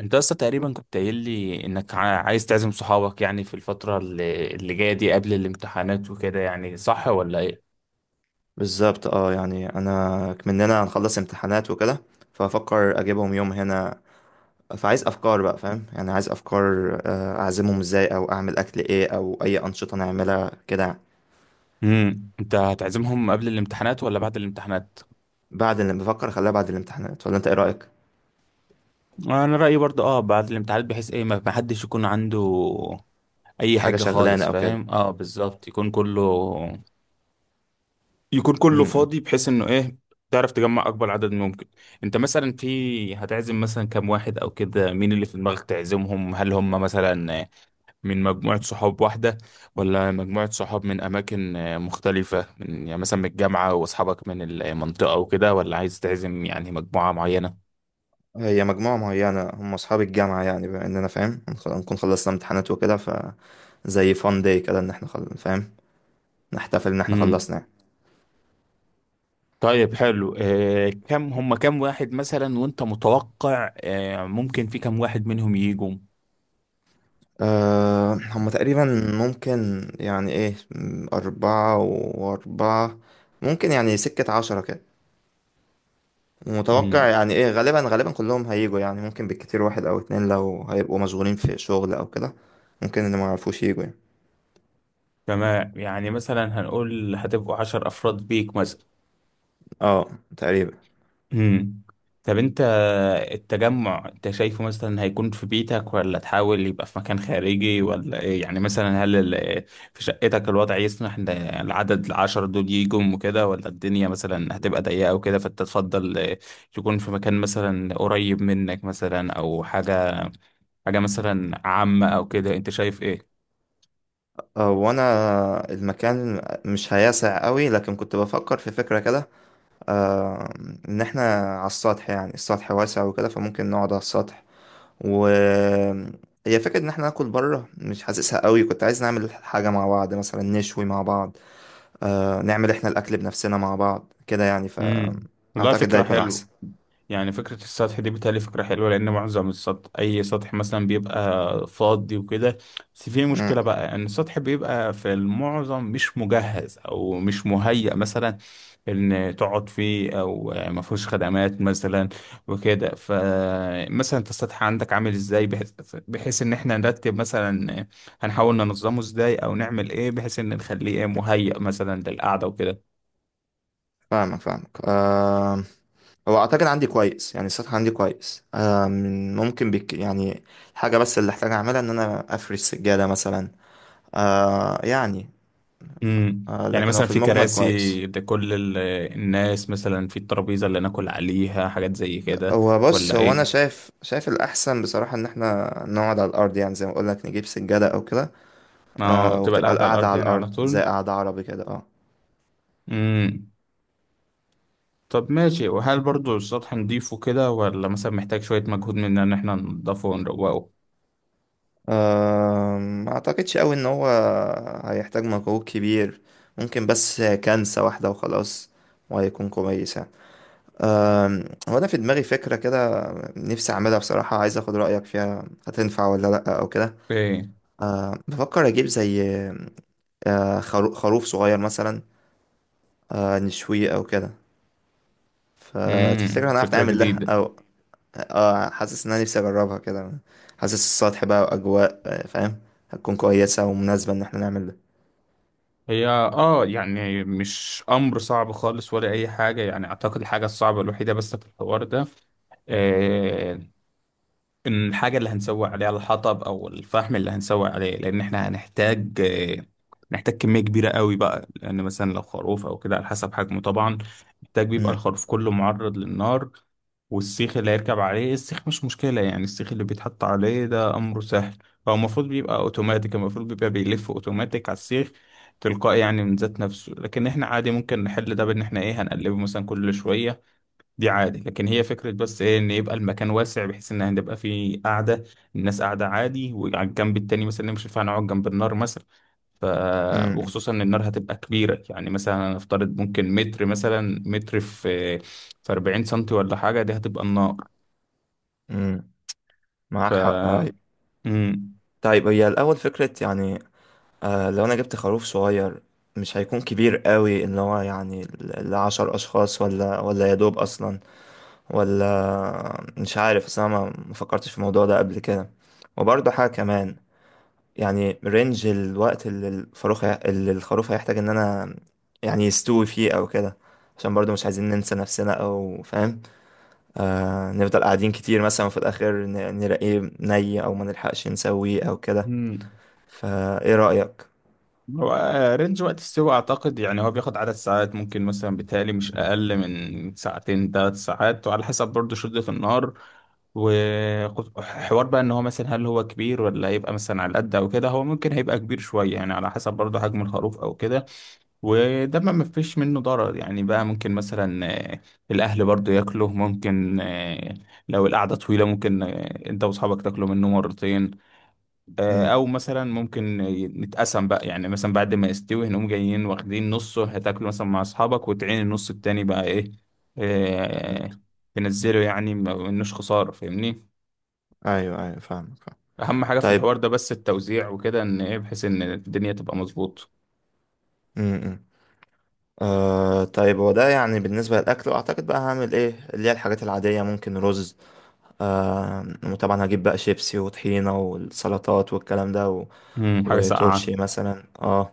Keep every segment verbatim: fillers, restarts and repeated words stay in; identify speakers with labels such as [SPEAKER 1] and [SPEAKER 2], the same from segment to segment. [SPEAKER 1] انت اصلا تقريبا كنت قايل لي انك ع- عايز تعزم صحابك يعني في الفترة اللي اللي جاية دي قبل الامتحانات وكده يعني صح ولا ايه؟
[SPEAKER 2] بالظبط، اه يعني انا مننا هنخلص امتحانات وكده، فافكر اجيبهم يوم هنا. فعايز افكار بقى، فاهم؟ يعني عايز افكار، آه، اعزمهم ازاي، او اعمل اكل ايه، او اي انشطة نعملها كده يعني.
[SPEAKER 1] امم انت هتعزمهم قبل الامتحانات ولا بعد الامتحانات؟
[SPEAKER 2] بعد، اللي بفكر اخليها بعد الامتحانات، ولا انت ايه رأيك؟
[SPEAKER 1] انا رأيي برضه اه بعد الامتحانات بحيث ايه ما ما حدش يكون عنده اي
[SPEAKER 2] حاجة
[SPEAKER 1] حاجة
[SPEAKER 2] شغلانة
[SPEAKER 1] خالص
[SPEAKER 2] او كده.
[SPEAKER 1] فاهم؟ اه بالظبط يكون كله يكون
[SPEAKER 2] م-
[SPEAKER 1] كله
[SPEAKER 2] م.
[SPEAKER 1] فاضي بحيث انه ايه تعرف تجمع اكبر عدد ممكن. انت مثلا في هتعزم مثلا كام واحد او كده، مين اللي في دماغك تعزمهم؟ هل هم مثلا من مجموعة صحاب واحدة، ولا مجموعة صحاب من أماكن آه، مختلفة، من يعني مثلا من الجامعة وأصحابك من المنطقة وكده، ولا عايز تعزم يعني مجموعة معينة؟
[SPEAKER 2] هي مجموعة معينة، هم اصحاب الجامعة يعني، بما اننا فاهم، هنخ- هنكون خلصنا امتحانات وكده، ف زي فان داي كده، ان احنا خل... فاهم، نحتفل ان احنا
[SPEAKER 1] مم.
[SPEAKER 2] خلصنا يعني.
[SPEAKER 1] طيب حلو، آه، كم هم، كم واحد مثلا، وأنت متوقع آه، ممكن في كم واحد منهم يجوا؟
[SPEAKER 2] أه هم تقريبا، ممكن يعني ايه، م، أربعة وأربعة، ممكن يعني سكة عشرة كده، ومتوقع
[SPEAKER 1] مم.
[SPEAKER 2] يعني ايه، غالبا غالبا كلهم هيجوا يعني، ممكن بالكتير واحد أو اتنين لو هيبقوا مشغولين في شغل أو كده. ممكن اللي معرفوش يجوا يعني.
[SPEAKER 1] تمام، يعني مثلا هنقول هتبقوا عشر أفراد بيك مثلا.
[SPEAKER 2] اه، تقريبا.
[SPEAKER 1] امم طب انت التجمع انت شايفه مثلا هيكون في بيتك ولا تحاول يبقى في مكان خارجي ولا ايه؟ يعني مثلا هل ال- في شقتك الوضع يسمح ان العدد العشرة دول يجوا وكده، ولا الدنيا مثلا هتبقى ضيقة وكده فانت تفضل يكون في مكان مثلا قريب منك، مثلا او حاجة حاجة مثلا عامة او كده؟ انت شايف ايه؟
[SPEAKER 2] أه وأنا، المكان مش هياسع قوي، لكن كنت بفكر في فكرة كده. أه إن احنا على السطح، يعني السطح واسع وكده، فممكن نقعد على السطح و، هي فكرة إن احنا ناكل بره، مش حاسسها قوي. كنت عايز نعمل حاجة مع بعض مثلا، نشوي مع بعض، آه نعمل احنا الأكل بنفسنا مع بعض كده يعني،
[SPEAKER 1] امم والله
[SPEAKER 2] فأعتقد ده
[SPEAKER 1] فكرة
[SPEAKER 2] هيكون
[SPEAKER 1] حلوة.
[SPEAKER 2] أحسن.
[SPEAKER 1] يعني فكرة السطح دي بتهيألي فكرة حلوة، لأن معظم السطح، أي سطح مثلا، بيبقى فاضي وكده. بس في مشكلة
[SPEAKER 2] مم،
[SPEAKER 1] بقى، إن السطح بيبقى في المعظم مش مجهز أو مش مهيأ مثلا إن تقعد فيه، أو ما فيهوش خدمات مثلا وكده. فمثلا أنت السطح عندك عامل إزاي، بحيث بحيث إن إحنا نرتب مثلا، هنحاول ننظمه إزاي أو نعمل إيه بحيث إن نخليه إيه، مهيأ مثلا للقعدة وكده؟
[SPEAKER 2] فاهمك فاهمك. آه هو أعتقد عندي كويس، يعني السطح عندي كويس. آه ممكن بك يعني. الحاجة بس اللي أحتاج أعملها إن أنا أفرش سجادة مثلا، آه يعني.
[SPEAKER 1] امم،
[SPEAKER 2] آه
[SPEAKER 1] يعني
[SPEAKER 2] لكن هو
[SPEAKER 1] مثلا
[SPEAKER 2] في
[SPEAKER 1] في
[SPEAKER 2] المجمل كويس.
[SPEAKER 1] كراسي لكل ال- الناس مثلا؟ في الترابيزة اللي ناكل عليها، حاجات زي كده
[SPEAKER 2] هو بص،
[SPEAKER 1] ولا
[SPEAKER 2] هو
[SPEAKER 1] ايه؟
[SPEAKER 2] انا شايف شايف الاحسن بصراحه، ان احنا نقعد على الارض يعني، زي ما اقول لك نجيب سجاده او كده.
[SPEAKER 1] اه،
[SPEAKER 2] آه
[SPEAKER 1] تبقى
[SPEAKER 2] وتبقى
[SPEAKER 1] القعدة على
[SPEAKER 2] القعده
[SPEAKER 1] الارض
[SPEAKER 2] على
[SPEAKER 1] يعني على
[SPEAKER 2] الارض، زي
[SPEAKER 1] طول.
[SPEAKER 2] قعده عربي كده اه
[SPEAKER 1] امم. طب ماشي، وهل برضو السطح نضيفه كده، ولا مثلا محتاج شوية مجهود مننا ان احنا ننضفه ونروقه؟
[SPEAKER 2] آه، ما اعتقدش قوي ان هو هيحتاج مجهود كبير. ممكن بس كنسه واحده وخلاص، وهيكون كويس يعني. آم، هو انا في دماغي فكره كده نفسي اعملها بصراحه، عايز اخد رايك فيها هتنفع ولا لا او كده؟
[SPEAKER 1] ايه.
[SPEAKER 2] آه بفكر اجيب زي، آه خرو- خروف صغير مثلا، آه نشويه او كده. فتفتكر
[SPEAKER 1] امم،
[SPEAKER 2] هنعرف
[SPEAKER 1] فكرة
[SPEAKER 2] نعمل ده
[SPEAKER 1] جديدة.
[SPEAKER 2] او؟ اه حاسس ان انا نفسي اجربها كده، حاسس السطح بقى واجواء، آه، فاهم، هتكون كويسة ومناسبة ان احنا نعمل ده.
[SPEAKER 1] هي اه يعني مش امر صعب خالص ولا اي حاجة. يعني اعتقد الحاجة الصعبة الوحيدة بس في الحوار ده، آه، إن الحاجة اللي هنسوي عليها الحطب أو الفحم اللي هنسوي عليه، لأن إحنا هنحتاج، آه، نحتاج كمية كبيرة قوي بقى، لأن مثلا لو خروف أو كده على حسب حجمه طبعا، محتاج بيبقى
[SPEAKER 2] مم،
[SPEAKER 1] الخروف كله معرض للنار. والسيخ اللي هيركب عليه، السيخ مش مشكلة يعني، السيخ اللي بيتحط عليه ده أمره سهل. هو المفروض بيبقى أوتوماتيك، المفروض بيبقى بيلف أوتوماتيك على السيخ تلقائي يعني من ذات نفسه. لكن إحنا عادي ممكن نحل ده بإن إحنا إيه، هنقلبه مثلا كل شوية. دي عادي. لكن هي فكرة بس ايه، ان يبقى المكان واسع بحيث ان هنبقى فيه قاعدة، الناس قاعدة عادي، وعلى الجنب التاني مثلا، مش ينفع نقعد جنب النار مثلا. ف
[SPEAKER 2] مم،
[SPEAKER 1] وخصوصا ان النار هتبقى كبيرة، يعني مثلا نفترض ممكن متر مثلا، متر في في أربعين سنتي ولا حاجة، دي هتبقى النار.
[SPEAKER 2] مم.
[SPEAKER 1] ف
[SPEAKER 2] معاك حق، أيوة.
[SPEAKER 1] مم.
[SPEAKER 2] طيب هي الأول فكرة يعني، آه لو أنا جبت خروف صغير مش هيكون كبير قوي، اللي هو يعني ل- لعشر أشخاص، ولا ولا يا دوب أصلا، ولا مش عارف. أصل أنا ما ما فكرتش في الموضوع ده قبل كده. وبرضه حاجة كمان، يعني رينج الوقت اللي الفاروخ هي- اللي الخروف هيحتاج ان انا يعني يستوي فيه او كده، عشان برضو مش عايزين ننسى نفسنا او فاهم، آه نفضل قاعدين كتير مثلا، وفي الاخر ن- نلاقيه ني او ما نلحقش نسويه او كده.
[SPEAKER 1] مم.
[SPEAKER 2] فايه رأيك؟
[SPEAKER 1] هو آه، رينج وقت السوق اعتقد يعني، هو بياخد عدد ساعات، ممكن مثلا بيتهيألي مش اقل من ساعتين ثلاث ساعات، وعلى حسب برضه شدة النار وحوار بقى ان هو مثلا هل هو كبير ولا هيبقى مثلا على قد او كده. هو ممكن هيبقى كبير شويه يعني، على حسب برضه حجم الخروف او كده. وده ما مفيش منه ضرر يعني بقى. ممكن مثلا، آه، الاهل برضه ياكله. ممكن آه، لو القعده طويله، ممكن آه، انت واصحابك تاكلوا منه مرتين. آه،
[SPEAKER 2] امم
[SPEAKER 1] او مثلا ممكن نتقسم بقى، يعني مثلا بعد ما يستوي هنقوم جايين واخدين نصه هتاكله مثلا مع اصحابك، وتعين النص التاني بقى ايه، آه، تنزله يعني، ما منوش خسارة فاهمني.
[SPEAKER 2] ايوه ايوه، فاهمك فاهم.
[SPEAKER 1] اهم حاجة في
[SPEAKER 2] طيب،
[SPEAKER 1] الحوار ده بس التوزيع وكده، ان ايه، بحيث ان الدنيا تبقى مظبوط.
[SPEAKER 2] امم آه طيب، هو ده يعني بالنسبة للأكل، وأعتقد بقى هعمل إيه اللي هي الحاجات العادية، ممكن رز، آه وطبعا هجيب بقى شيبسي، وطحينة، والسلطات والكلام ده،
[SPEAKER 1] مم، حاجة ساقعة.
[SPEAKER 2] وتورشي مثلا اه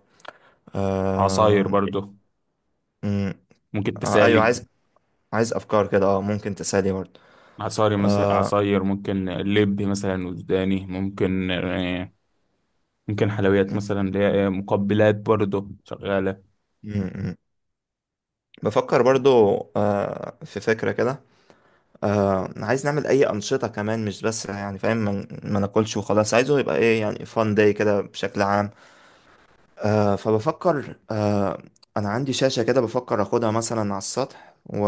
[SPEAKER 1] عصاير
[SPEAKER 2] آه
[SPEAKER 1] برضو
[SPEAKER 2] مم.
[SPEAKER 1] ممكن
[SPEAKER 2] آه ايوه،
[SPEAKER 1] تسالي.
[SPEAKER 2] عايز عايز افكار كده، اه ممكن تسالي برضه.
[SPEAKER 1] عصاري مثلا، عصاير، ممكن لب مثلا وجداني، ممكن آه، ممكن حلويات مثلا، اللي هي إيه، مقبلات برضو شغالة.
[SPEAKER 2] مم، مم. بفكر برضه، آه في فكره كده، آه عايز نعمل اي انشطه كمان، مش بس يعني فاهم ما ما ناكلش وخلاص، عايزه يبقى ايه يعني فان داي كده بشكل عام. آه فبفكر، آه انا عندي شاشه كده بفكر اخدها مثلا على السطح، و...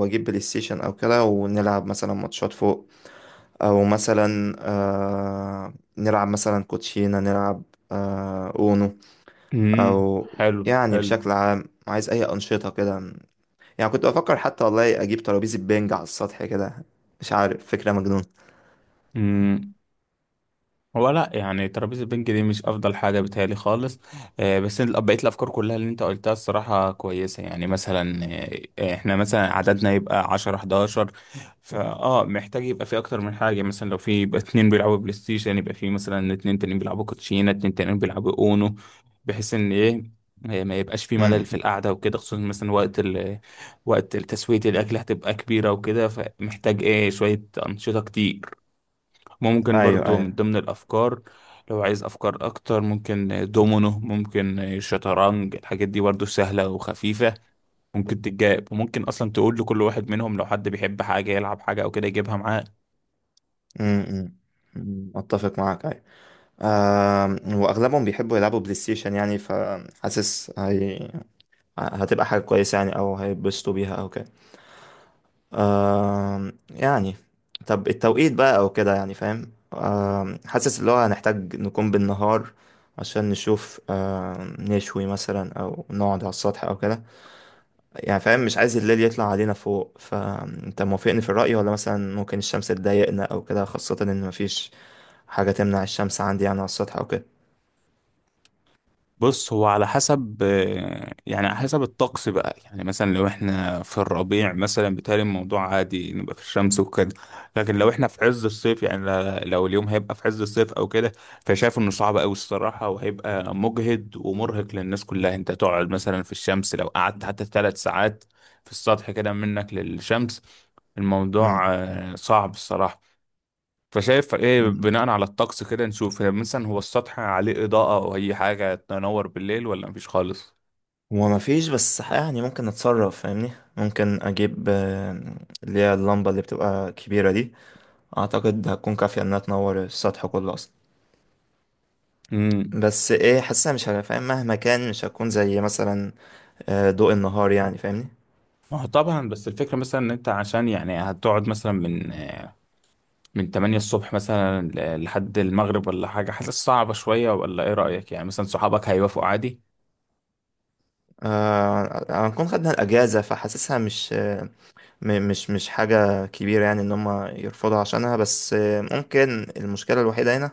[SPEAKER 2] واجيب بلاي ستيشن او كده، ونلعب مثلا ماتشات فوق، او مثلا آه نلعب مثلا كوتشينة، نلعب آه اونو،
[SPEAKER 1] امم،
[SPEAKER 2] او،
[SPEAKER 1] حلو
[SPEAKER 2] يعني
[SPEAKER 1] حلو.
[SPEAKER 2] بشكل عام عايز اي انشطة كده. يعني كنت بفكر حتى والله اجيب ترابيزة بينج على السطح كده، مش عارف، فكرة مجنون.
[SPEAKER 1] امم، هو لا يعني ترابيزة البنج دي مش أفضل حاجة بتهيألي خالص. آه، بس ال- بقية الأفكار كلها اللي أنت قلتها الصراحة كويسة. يعني مثلا آه، إحنا مثلا عددنا يبقى عشرة حداشر، فأه محتاج يبقى في أكتر من حاجة. مثلا لو في يبقى اتنين بيلعبوا بلاي ستيشن، يبقى في مثلا اتنين تانيين بيلعبوا كوتشينة، اتنين تانيين بيلعبوا أونو، بحيث إن إيه، آه، ما يبقاش في ملل
[SPEAKER 2] امم
[SPEAKER 1] في القعدة وكده، خصوصا مثلا وقت ال وقت تسوية الأكل هتبقى كبيرة وكده، فمحتاج إيه شوية أنشطة كتير. ممكن
[SPEAKER 2] ايوه
[SPEAKER 1] برضو من
[SPEAKER 2] ايوه،
[SPEAKER 1] ضمن الأفكار، لو عايز أفكار أكتر، ممكن دومينو، ممكن شطرنج، الحاجات دي برضو سهلة وخفيفة ممكن تتجاب. وممكن أصلا تقول لكل واحد منهم لو حد بيحب حاجة يلعب حاجة أو كده يجيبها معاه.
[SPEAKER 2] امم أمم، اتفق معاك، ايوه آه واغلبهم بيحبوا يلعبوا بلاي ستيشن يعني، فحاسس هي هتبقى حاجة كويسة يعني، او هيتبسطوا بيها او كده. آم، يعني. طب التوقيت بقى او كده، يعني فاهم، آم، حاسس اللي هو هنحتاج نكون بالنهار، عشان نشوف، آم، نشوي مثلا، او نقعد على السطح او كده، يعني فاهم مش عايز الليل يطلع علينا فوق. فانت موافقني في الرأي، ولا مثلا ممكن الشمس تضايقنا او كده، خاصة ان مفيش حاجة تمنع الشمس عندي يعني على السطح او كده؟
[SPEAKER 1] بص، هو على حسب آه، يعني على حسب الطقس بقى. يعني مثلا لو احنا في الربيع مثلا، بيتهيألي الموضوع عادي، نبقى في الشمس وكده. لكن لو احنا في عز الصيف، يعني ل- لو اليوم هيبقى في عز الصيف او كده، فشايف انه صعب قوي الصراحة، وهيبقى مجهد ومرهق للناس كلها انت تقعد مثلا في الشمس. لو قعدت حتى ثلاث ساعات في السطح كده منك للشمس،
[SPEAKER 2] مم.
[SPEAKER 1] الموضوع آه، صعب الصراحة. فشايف ايه
[SPEAKER 2] مم.
[SPEAKER 1] بناء على الطقس كده نشوف؟ هي مثلا، هو السطح عليه إضاءة أو أي حاجة تنور بالليل، ولا مفيش خالص؟
[SPEAKER 2] هو مفيش، بس يعني ممكن نتصرف فاهمني. ممكن اجيب آم، اللي هي اللمبة اللي بتبقى كبيرة دي، اعتقد هتكون كافية انها تنور السطح كله اصلا.
[SPEAKER 1] امم.
[SPEAKER 2] بس ايه، حاسسها مش هبقى فاهم، مهما كان مش هتكون زي مثلا آه، ضوء النهار، يعني فاهمني.
[SPEAKER 1] ما هو طبعا. بس الفكرة مثلا ان انت عشان يعني هتقعد مثلا من من تمانية الصبح مثلا لحد المغرب ولا حاجة، حاسس صعبة شوية، ولا ايه رأيك؟ يعني مثلا صحابك هيوافقوا عادي؟
[SPEAKER 2] آه هنكون خدنا الاجازة، فحاسسها مش، آه، م- مش مش حاجة كبيرة يعني ان هم يرفضوا عشانها. بس آه، ممكن المشكلة الوحيدة هنا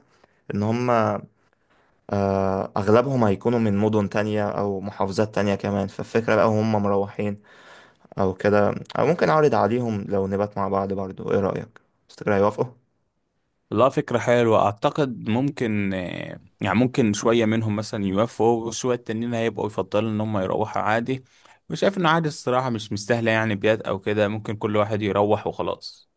[SPEAKER 2] ان هم، آه، اغلبهم هيكونوا من مدن تانية او محافظات تانية كمان، فالفكرة بقى هم مروحين او كده. او ممكن اعرض عليهم لو نبات مع بعض برضو، ايه رأيك؟ تفتكر هيوافقوا؟
[SPEAKER 1] لا، فكرة حلوة أعتقد. ممكن آه، يعني ممكن شوية منهم مثلا يوافقوا، وشوية التانيين هيبقوا يفضلوا إن هم يروحوا عادي. وشايف إنه عادي الصراحة، مش مستاهلة يعني بيات أو كده، ممكن كل واحد يروح وخلاص.